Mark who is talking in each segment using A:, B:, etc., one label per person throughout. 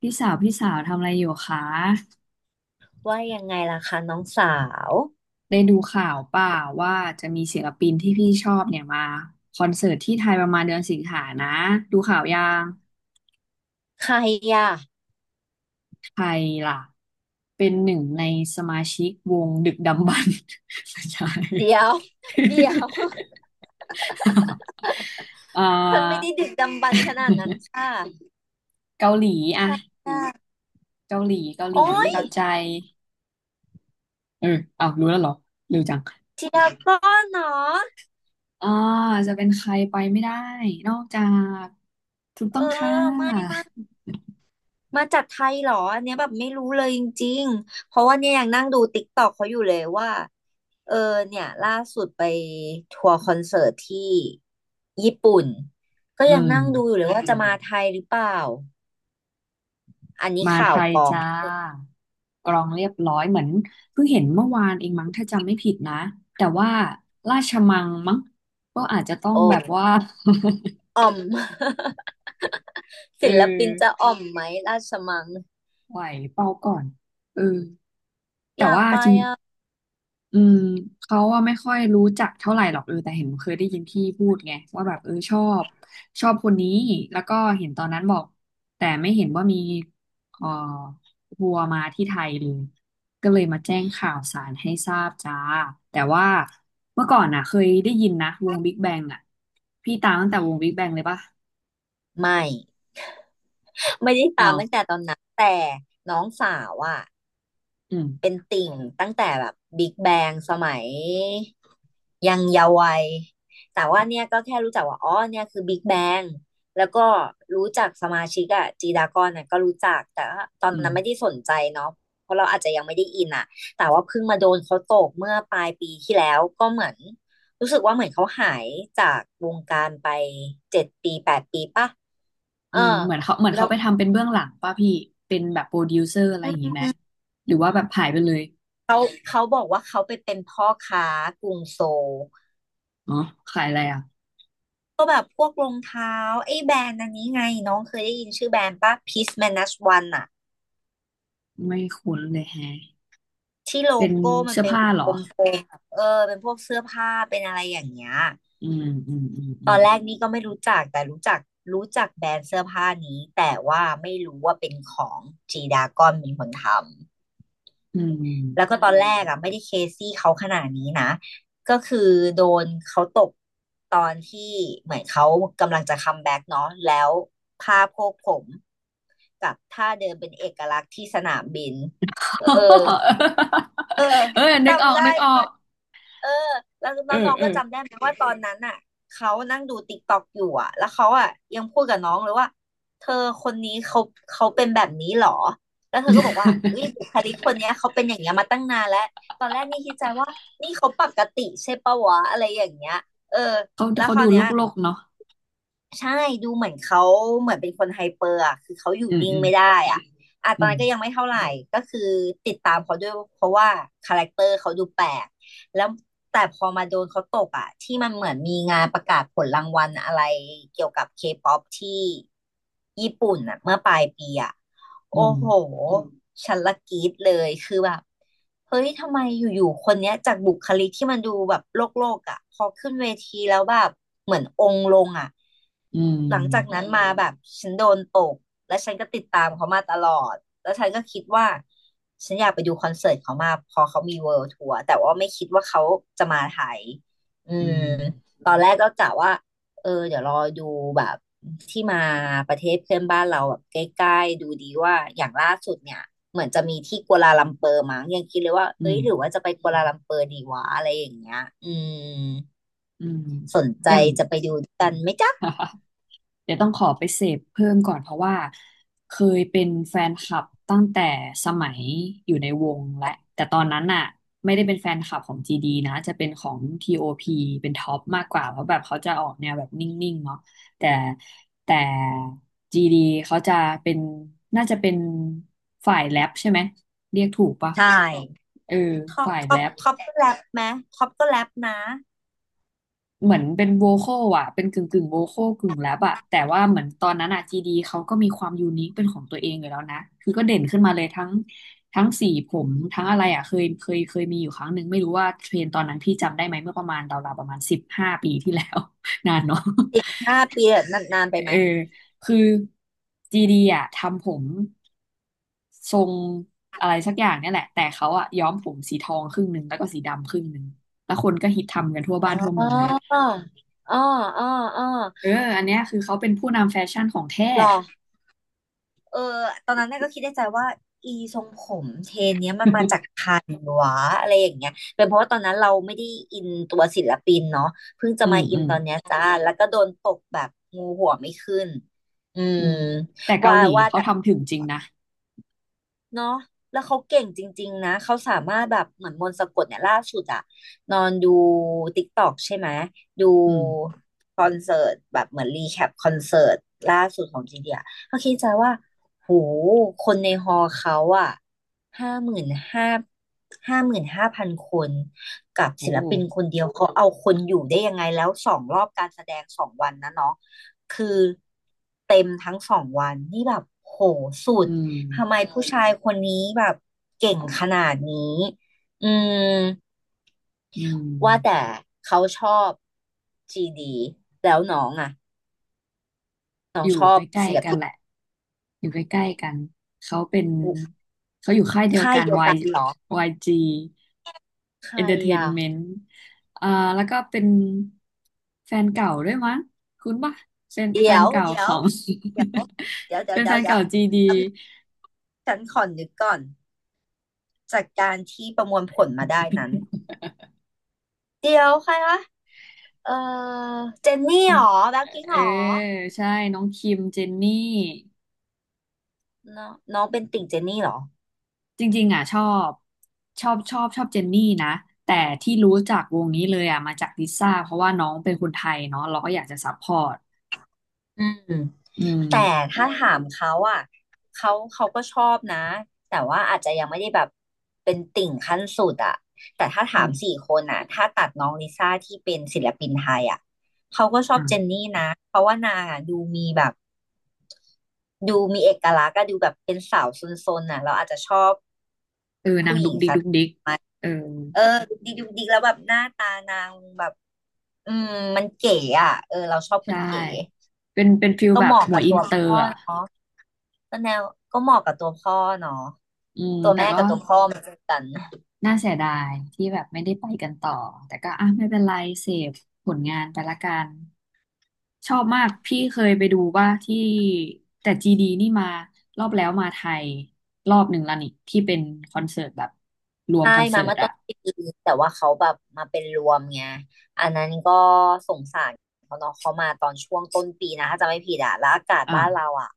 A: พี่สาวพี่สาวทำอะไรอยู่คะ
B: ว่ายังไงล่ะคะน้องสาว
A: ได้ดูข่าวเปล่าว่าจะมีศิลปินที่พี่ชอบเนี่ยมาคอนเสิร์ตที่ไทยประมาณเดือนสิงหานะดูข่าวยัง
B: ใครอ่ะ
A: ไทยล่ะเป็นหนึ่งในสมาชิกวงดึกดำบรรพ์ ไม่ใช่
B: เดี๋ย ว เดี๋ยว
A: เอ่
B: ฉันไม่
A: อ
B: ได้ดึกดำบรรพ์ขนาดนั้น ค่ะ
A: เกาหลี
B: ใค
A: อะ
B: รอ่ะ
A: เกาหลีเกาห
B: โอ้
A: ลี
B: ย
A: เกาใจเออเอารู้แล้วเหรอเร็วจัง
B: เจียก้อนเนาะ
A: อ่าจะเป็นใครไปไม่ได้นอกจากถูกต้
B: เอ
A: อ
B: อ
A: งค่
B: ไม่
A: ะ
B: ไม่มาจากไทยเหรออันเนี้ยแบบไม่รู้เลยจริงๆเพราะว่าเนี่ยยังนั่งดูติ๊กตอกเขาอยู่เลยว่าเออเนี่ยล่าสุดไปทัวร์คอนเสิร์ตที่ญี่ปุ่นก็
A: อื
B: ยัง
A: ม
B: นั่งดูอยู่เลยว่าจะมาไทยหรือเปล่าอันนี้
A: มา
B: ข่า
A: ไท
B: ว
A: ย
B: กอง
A: จ้ากรองเรียบร้อยเหมือนเพิ่งเห็นเมื่อวานเองมั้งถ้าจำไม่ผิดนะแต่ว่าราชมังมั้งก็อาจจะต้อง
B: โอ้
A: แบบว่า
B: อ่อม
A: เออ
B: ศิลปินจะอ่อมไหมราชมัง
A: ไหวเปล่าก่อนเออ แต่
B: อยาก
A: ว่า
B: ไป
A: จริง
B: อ่ะ
A: อืมเขาว่าไม่ค่อยรู้จักเท่าไหร่หรอกเออแต่เห็นเคยได้ยินพี่พูดไงว่าแบบเออชอบชอบคนนี้แล้วก็เห็นตอนนั้นบอกแต่ไม่เห็นว่ามีเอ่อทัวร์มาที่ไทยเลยก็เลยมาแจ้งข่าวสารให้ทราบจ้าแต่ว่าเมื่อก่อนน่ะเคยได้ยินนะวงบิ๊กแบงอ่ะพี่ตามตั้งแต่วงบิ๊กแบงเลยปะ
B: ไม่ไม่ได้ตา
A: อ้า
B: ม
A: ว
B: ตั้งแต่ตอนนั้นแต่น้องสาวอ่ะ
A: อืม
B: เป็นติ่งตั้งแต่แบบบิ๊กแบงสมัยยังเยาว์วัยแต่ว่าเนี่ยก็แค่รู้จักว่าอ๋อเนี่ยคือบิ๊กแบงแล้วก็รู้จักสมาชิกอะจีดากอนเนี่ยก็รู้จักแต่ว่าตอน
A: อืม
B: นั้นไม่ได้สนใจเนาะเพราะเราอาจจะยังไม่ได้อินอะแต่ว่าเพิ่งมาโดนเขาตกเมื่อปลายปีที่แล้วก็เหมือนรู้สึกว่าเหมือนเขาหายจากวงการไป7 ปี8 ปีป่ะ
A: อื
B: เออ
A: มเหมือนเขาเหมือน
B: แล้
A: เขา
B: ว
A: ไปทำเป็นเบื้องหลังป่ะพี่เป็นแบบโปรดิวเซอร์อะไรอย่างงี้ไหมหรือว่าแบบหายไปเลย
B: เขาเขาบอกว่าเขาไปเป็นพ่อค้ากรุงโซล
A: อ๋อขายอะไรอ่ะ
B: ก็แบบพวกรองเท้าไอ้แบรนด์อันนี้ไงน้องเคยได้ยินชื่อแบรนด์ป่ะ Peace Manage One อะ
A: ไม่คุ้นเลยแฮะ
B: ที่โล
A: เป็น
B: โก้มัน
A: เสื้อ
B: เป็น
A: ผ้าเหรอ
B: กลมๆแบบเออเป็นพวกเสื้อผ้าเป็นอะไรอย่างเงี้ย
A: อืมอืมอืมอื
B: ตอ
A: ม
B: นแรกนี่ก็ไม่รู้จักแต่รู้จักแบรนด์เสื้อผ้านี้แต่ว่าไม่รู้ว่าเป็นของจีดากอนเป็นคนทำ
A: อื
B: แล้วก็
A: ม
B: ตอนแรกอะไม่ได้เคซี่เขาขนาดนี้นะก็คือโดนเขาตกตอนที่เหมือนเขากำลังจะคัมแบ็กเนาะแล้วผ้าโพวกผม กับท่าเดินเป็นเอกลักษณ์ที่สนามบินเออ เออ
A: เออนึกออ
B: จำ
A: กนึ
B: ได้
A: กออก
B: เออแล้ว
A: เออ
B: น้อง
A: เอ
B: ๆ
A: อ
B: ก็จำได้ไหมว่าตอนนั้นอ่ะเขานั่งดูติ๊กต็อกอยู่อ่ะแล้วเขาอ่ะยังพูดกับน้องเลยว่าเธอคนนี้เขาเป็นแบบนี้เหรอแล้วเธอก็บอกว่าอุ้ย บุคลิกคนเนี้ยเขาเป็นอย่างเงี้ยมาตั้งนานแล้วตอนแรกนี่คิดใจว่านี่เขาปกติใช่ปะวะอะไรอย่างเงี้ยเออ
A: เขาเขาดูโลกโลกเนาะ
B: ใช่ดูเหมือนเขาเหมือนเป็นคนไฮเปอร์อ่ะคือเขาอยู่
A: อืม
B: นิ่ง
A: อืม
B: ไม่ได้อ่ะอ่ะต
A: อื
B: อน
A: ม
B: นั้นก็ยังไม่เท่าไหร่ก็คือติดตามเขาด้วยเพราะว่าคาแรคเตอร์เขาดูแปลกแล้วแต่พอมาโดนเขาตกอ่ะที่มันเหมือนมีงานประกาศผลรางวัลอะไรเกี่ยวกับเคป๊อปที่ญี่ปุ่นอ่ะเมื่อปลายปีอ่ะ
A: อื
B: โอ้
A: ม
B: โห ฉันละกรี๊ดเลย คือแบบเฮ้ย ทำไมอยู่ๆคนเนี้ยจากบุคลิกที่มันดูแบบโลกโลกอ่ะพอขึ้นเวทีแล้วแบบเหมือนองค์ลงอ่ะ
A: อื
B: หลังจากอื
A: ม
B: นั้นมมาแบบฉันโดนตกและฉันก็ติดตามเขามาตลอดแล้วฉันก็คิดว่าฉันอยากไปดูคอนเสิร์ตเขามากพอเขามีเวิลด์ทัวร์แต่ว่าไม่คิดว่าเขาจะมาไทยอื
A: อื
B: ม
A: ม
B: ตอนแรกก็กะว่า เออเดี๋ยวรอดูแบบ ที่มาประเทศเพื่อนบ้านเราแบบใกล้ๆดูดีว่าอย่างล่าสุดเนี่ยเหมือนจะมีที่กัวลาลัมเปอร์มั้งยังคิดเลยว่า
A: อื
B: เอ้ย
A: ม
B: หรือว่าจะไปกัวลาลัมเปอร์ดีวะอะไรอย่างเงี้ยอืม
A: อืม
B: สนใจ
A: อย่าง
B: จะไปดูกันไหมจ๊ะ
A: เดี๋ยวต้องขอไปเสพเพิ่มก่อนเพราะว่าเคยเป็นแฟนคลับตั้งแต่สมัยอยู่ในวงและแต่ตอนนั้นน่ะไม่ได้เป็นแฟนคลับของ GD นะจะเป็นของ TOP เป็นท็อปมากกว่าเพราะแบบเขาจะออกแนวแบบนิ่งๆเนาะแต่แต่ GD เขาจะเป็นน่าจะเป็นฝ่ายแรปใช่ไหมเรียกถูกปะ
B: ใช่
A: เออ
B: ท็อป
A: ฝ่าย
B: ท็อ
A: แร
B: ป
A: ป
B: ท็อปก็แรปไหมท็อปก็แรปนะ
A: เหมือนเป็นโวคอลอ่ะเป็นกึ่งกึ่งโวคอลกึ่งแรปอ่ะแต่ว่าเหมือนตอนนั้นอ่ะจีดีเขาก็มีความยูนิคเป็นของตัวเองอยู่แล้วนะ คือก็เด่นขึ้นมาเลยทั้งทั้งสีผมทั้งอะไรอ่ะเคยมีอยู่ครั้งหนึ่งไม่รู้ว่าเทรนด์ตอนนั้นพี่จำได้ไหมเมื่อประมาณราวๆประมาณ15 ปีที่แล้ว นานเนาะ
B: 5 ปีอะนานๆไป
A: เอ
B: ไหม
A: อคือจีดีอ่ะทำผมทรงอะไรสักอย่างเนี่ยแหละแต่เขาอ่ะย้อมผมสีทองครึ่งหนึ่งแล้วก็สีดำครึ่งหนึ่งแล้วคนก็ฮิตทำกันทั่ว
B: อ๋อ
A: บ้านทั่วเมืองเลย
B: อ๋ออ๋ออ๋อ
A: เอออันเนี้ยคือเขาเป็นผู้นำแฟชั่นของแท้
B: หรอ เออตอนนั้นน่ะก็คิดในใจว่าอีทรงผมเทรนเนี้ยมันมาจาก ใครวะอะไรอย่างเงี้ยเป็นเพราะว่าตอนนั้นเราไม่ได้อินตัวศิลปินเนาะเพิ่งจะ
A: อื
B: มา
A: ม
B: อิ
A: อื
B: น
A: ม
B: ตอนเนี้ยจ้าแล้วก็โดนตกแบบงูหัวไม่ขึ้นอื
A: อื
B: ม
A: มแต่เกา
B: ว่า
A: หลี
B: ว่า
A: เขา
B: แต่
A: ทำถึงจริงนะ
B: เนาะแล้วเขาเก่งจริงๆนะ เขาสามารถแบบเหมือนมนต์สะกดเนี่ยล่าสุดอะนอนดูติ๊กตอกใช่ไหม ดู
A: อืม
B: คอนเสิร์ตแบบเหมือนรีแคปคอนเสิร์ตล่าสุดของจีเดียเขาคิดใจว่า โหคนในฮอลล์เขาอะห้าหมื่นห้า55,000คนกับ
A: โอ้
B: ศิลปินคนเดียวเขาเอาคนอยู่ได้ยังไงแล้วสองรอบการแสดงสองวันนะเนาะคือเต็มทั้งสองวันนี่แบบโหสุ
A: อื
B: ด
A: ม
B: ทำไมผู้ชายคนนี้แบบเก่งขนาดนี้อืม
A: อื
B: ว่า
A: ม
B: แต่เขาชอบจีดีแล้วน้องอ่ะน้อ
A: อ
B: ง
A: ยู่
B: ชอ
A: ใก
B: บ
A: ล้
B: ศิล
A: ๆกัน
B: ปิน
A: แหละ อยู่ใกล้ๆกัน เขาเป็นเขาอยู่ค่ายเดียว
B: ค่าย
A: กัน
B: เดียว กันเหรอ
A: YG
B: ใครอ่ะ
A: Entertainment อ่าแล้วก็เป็นแฟนเก่าด้วยมั้งคุ้นปะเป็นแฟ
B: เดี๋ย
A: น
B: ว
A: เก่า
B: เดี๋
A: ข
B: ยว
A: อง
B: เดี๋ยวเดี๋ยว เดี๋ย
A: เป็
B: ว
A: นแฟ
B: เดี๋ยว
A: น
B: เดี๋ย
A: เก่า
B: ว
A: จีดี
B: ฉันขอนึกก่อนจากการที่ประมวลผลมาได้นั้นเดี๋ยวใครวะเออเจนนี่
A: น้อ
B: เห
A: ง
B: รอแบล็คพิงค์
A: เอ
B: เห
A: อ
B: รอ
A: ใช่น้องคิมเจนนี่
B: น้องน้องเป็นติ่งเจนนี่เหรอ
A: จริงๆอ่ะชอบชอบชอบเจนนี่นะแต่ที่รู้จักวงนี้เลยอ่ะมาจากลิซ่าเพราะว่าน้องเป็นคนไทยเนาะเราก็อยากจะซัพพอร์ต
B: อืม
A: อืม
B: แต่ถ้าถามเขาอ่ะเขาก็ชอบนะแต่ว่าอาจจะยังไม่ได้แบบเป็นติ่งขั้นสุดอ่ะแต่ถ้า
A: อื
B: ถาม
A: ม
B: สี่คนอ่ะถ้าตัดน้องลิซ่าที่เป็นศิลปินไทยอ่ะเขาก็ชอบเจน
A: อ่ะ
B: นี่นะเพราะว่านางอ่ะดูมีแบบดูมีเอกลักษณ์ก็ดูแบบเป็นสาวซนๆน่ะเราอาจจะชอบ
A: เออนา
B: ผู้
A: ง
B: ห
A: ดุ
B: ญิ
A: ก
B: ง
A: ดิก
B: สั
A: ดุ
B: ก
A: กดิกเออ
B: เออดูดีดูดีแล้วแบบหน้าตานางแบบอืมมันเก๋อ่ะเออเราชอบค
A: ใช่
B: นเก๋
A: เป็นเป็นฟิล
B: ก็
A: แบ
B: เห
A: บ
B: มาะ
A: หม
B: กั
A: วย
B: บ
A: อิ
B: ตั
A: น
B: ว
A: เตอร์
B: พ่อ
A: อ่ะ
B: เนาะ ก็แนวก็เหมาะกับตัวพ่อเนาะ
A: อืม
B: ตัว
A: แต่
B: แม่
A: ก็
B: กับตัวพ่อมาเจอกัน
A: น่าเสียดายที่แบบไม่ได้ไปกันต่อแต่ก็อ่ะไม่เป็นไรเสพผลงานไปละกันชอบมากพี่เคยไปดูว่าที่แต่จีดีนี่มารอบแล้วมาไทยรอบหนึ่งแล้วนี่ที่เป็นคอนเสิร์ตแบบรวม
B: ใช่
A: คอนเสิ
B: มา
A: ร์ต
B: เมื่อต้
A: อะ
B: นปีแต่ว่าเขาแบบมาเป็นรวมไงอันนั้นก็สงสารเขาเนาะเขามาตอนช่วงต้นปีนะถ้าจำไม่ผิดอะแล้วอากาศ
A: อ่า
B: บ้านเราอะ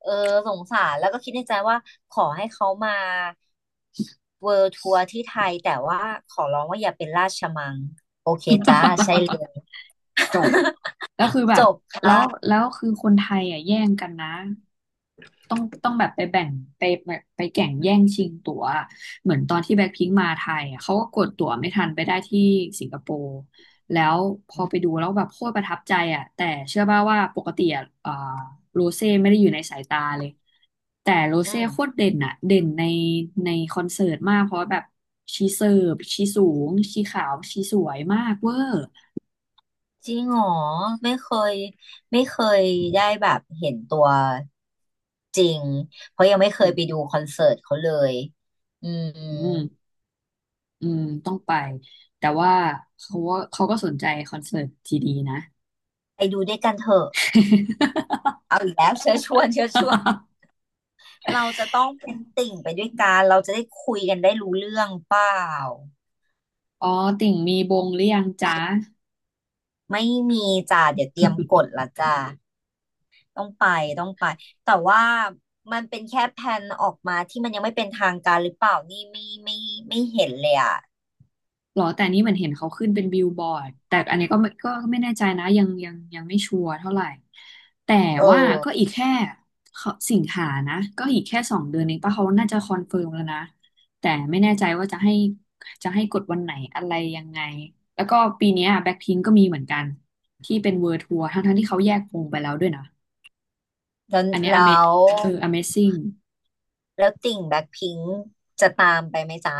B: เออสงสารแล้วก็คิดในใจว่าขอให้เขามาเวิลด์ทัวร์ที่ไทยแต่ว่าขอร้องว่าอย่าเป็นราชมัง
A: จบ แล้วคือแบ
B: จ
A: บ
B: บ
A: แล้
B: ค่ะ
A: วแล้วคือคนไทยอ่ะแย่งกันนะ ต้องแบบไปแบ่งไปไปไปแข่งแย่งชิงตั๋วเหมือนตอนที่แบ็คพิงค์มาไทยอ่ะเขาก็กดตั๋วไม่ทันไปได้ที่สิงคโปร์แล้วพอไปดูแล้วแบบโคตรประทับใจอ่ะแต่เชื่อป่าวว่าปกติอ่ะโรเซ่ไม่ได้อยู่ในสายตาเลย แต่โร
B: อื
A: เซ่
B: ม
A: โคตรเด่นอ่ะเด่นในในคอนเสิร์ตมาก เพราะแบบชีเสิร์ฟชีสูง ชีขาวชีสวยมากเวอร์
B: จริงเหรอไม่เคยไม่เคยได้แบบเห็นตัวจริงเพราะยังไม่เคยไปดูคอนเสิร์ตเขาเลยอื
A: อื
B: ม
A: มอืมต้องไป แต่ว่าเขาว่าเขาก็สนใจคอนเสิร์ตทีดีนะ
B: ไปดูด้วยกันเถอะเอาอีกแล้ว เชิญชวนเชิญชวนเราจะต้องเป็นติ่งไปด้วยกันเราจะได้คุยกันได้รู้เรื่องเปล่า
A: อ๋อ ติ่งมีบงหรือยังจ๊ะ
B: ไม่มีจ้าเดี๋ยวเตรียมกดละจ้าต้องไปต้องไปแต่ว่ามันเป็นแค่แผนออกมาที่มันยังไม่เป็นทางการหรือเปล่านี่ไม่ไม่เห็นเลยอ่ะ
A: หรอแต่อันนี้เหมือนเห็นเขาขึ้นเป็นบิลบอร์ดแต่อันนี้ก็ไม่ก็ไม่แน่ใจนะยังไม่ชัวร์เท่าไหร่แต่
B: เออ
A: ว่าก็อีกแค่เขาสิงหานะก็อีกแค่2 เดือนเองป่ะเขาน่าจะคอนเฟิร์มแล้วนะแต่ไม่แน่ใจว่าจะให้กดวันไหนอะไรยังไงแล้วก็ปีเนี้แบ็คพิงก็มีเหมือนกันที่เป็นเวิ l d t ทัวร์ทั้งที่เขาแยกวงไปแล้วด้วยนะ
B: แล้ว
A: อันเนี้ยอเม
B: แล้ว
A: เออ Amazing
B: แล้วติ่งแบ็คพิงค์จะตามไปไหมจ๊ะ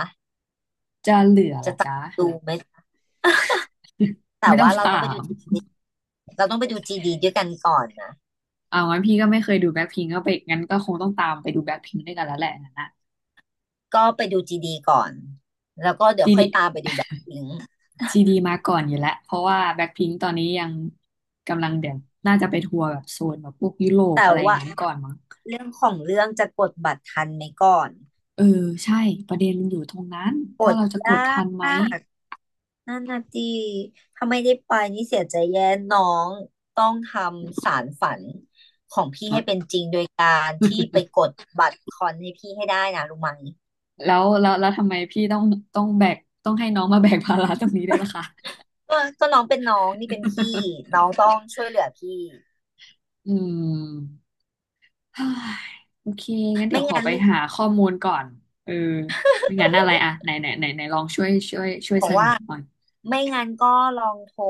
A: จะเหลือเหร
B: จะ
A: อ
B: ตาม
A: จ๊ะ
B: ดูไหมจ๊ะแต่
A: ไม่ต้อ
B: ว่า
A: ง
B: เราต้อง
A: ถา
B: ไปดู
A: ม
B: จีดีเราต้องไปดูจีดีด้วยกันก่อนนะ
A: เอางั้นพี่ก็ไม่เคยดูแบ็คพิงก็ไปงั้นก็คงต้องตามไปดูแบ็คพิงด้วยกันแล้วแหละนะนะ
B: ก็ไปดูจีดีก่อนแล้วก็เดี๋ยว
A: จี
B: ค่
A: ดี
B: อยตามไปดูแบ็คพิงค์
A: จีดีมาก่อนอยู่แล้วเพราะว่าแบ็คพิงตอนนี้ยังกำลังเดี๋ยวน่าจะไปทัวร์แบบโซนแบบพวกยุโรป
B: แต่
A: อะไรอย่าง
B: ว่า
A: นั้นก่อนมั้ง
B: เรื่องของเรื่องจะกดบัตรทันไหมก่อน
A: เออใช่ประเด็นมันอยู่ตรงนั้น
B: ก
A: ว่า
B: ด
A: เราจะก
B: ยา
A: ดทันไหม
B: กนั่นนะจีถ้าไม่ได้ไปนี่เสียใจแย่น้องต้องทำสารฝันพี่
A: ฮะ
B: ให้เป็นจริงโดยการที่ไปกดบัตรคอนให้พี่ให้ได้นะรู้ไหม
A: แล้วทำไมพี่ต้องต้องแบกต้องให้น้องมาแบกภาระตรงนี้ด้วยล่ะคะ
B: ก็น้องเป็นน้องนี่เป็นพี่น้ องต้องช่วยเหลือพี่
A: อืม เฮ้ยโอเคงั้นเดี๋ย
B: ไม่
A: วขอ
B: งั้น
A: ไปหาข้อมูลก่อนเออไม่งั้นอะไรอะไหนไหนไหนไหนลองช่วย
B: บอ
A: เส
B: ก
A: นอ
B: ว่า
A: หน่อย
B: ไม่งั้นก็ลองโทร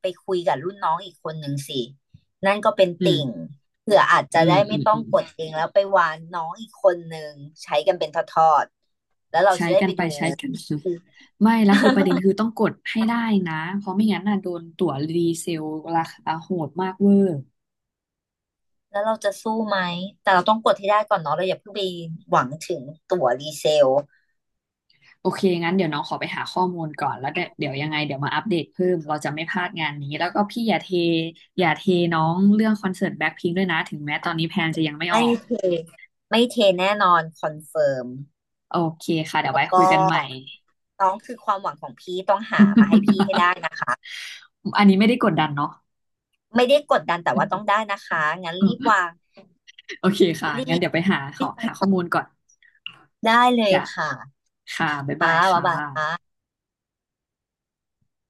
B: ไปคุยกับรุ่นน้องอีกคนหนึ่งสิ นั่นก็เป็น
A: อืม
B: ติ่งเผื่ออาจจะ
A: อืม
B: ได้
A: อื
B: ไม่
A: ม
B: ต้อ
A: อื
B: ง
A: ม
B: กดเองแล้วไปวานน้องอีกคนหนึ่งใช้กันเป็นทอดๆแล้วเรา
A: ใช้
B: จะได้
A: กั
B: ไป
A: นไป
B: ดู
A: ใช้กันมาไม่แล้วคือประเด็นคือต้องกดให้ได้นะเพราะไม่งั้นน่ะโดนตั๋วรีเซลราคาโหดมากเวอร์
B: แล้วเราจะสู้ไหมแต่เราต้องกดให้ได้ก่อนเนาะเราอย่าเพิ่งไปหวังถึงตั๋วรีเซล
A: โอเคงั้นเดี๋ยวน้องขอไปหาข้อมูลก่อนแล้วเดี๋ยวเดี๋ยวยังไงเดี๋ยวมาอัปเดตเพิ่มเราจะไม่พลาดงานนี้แล้วก็พี่อย่าเทอย่าเทน้องเรื่องคอนเสิร์ตแบ็คพิงค์ด้วยนะถึงแม้ตอนนี้แพลนจะยังไม่อ
B: ไม่
A: อก
B: เทไม่เทแน่นอนคอนเฟิร์ม
A: โอเคค่ะเดี๋ยวไว้คุ
B: ก็
A: ยกันใหม่
B: น้องคือความหวังของพี่ต้องหามาให้พี่ให้ได้นะ คะ
A: อันนี้ไม่ได้กดดันเนาะ
B: ไม่ได้กดดันแต่ว่าต้องได้นะคะงั้นรีบ วาง
A: โอเคค่ะ
B: รี
A: งั้น
B: บ
A: เดี๋ยวไปหาขอหาข้อมูลก่อน
B: ได้เลย
A: จ้ะ
B: ค่ะ
A: ค่ะบ๊าย
B: ค่ะ
A: บาย
B: บ๊าย
A: ค่ะ
B: บายค่ะ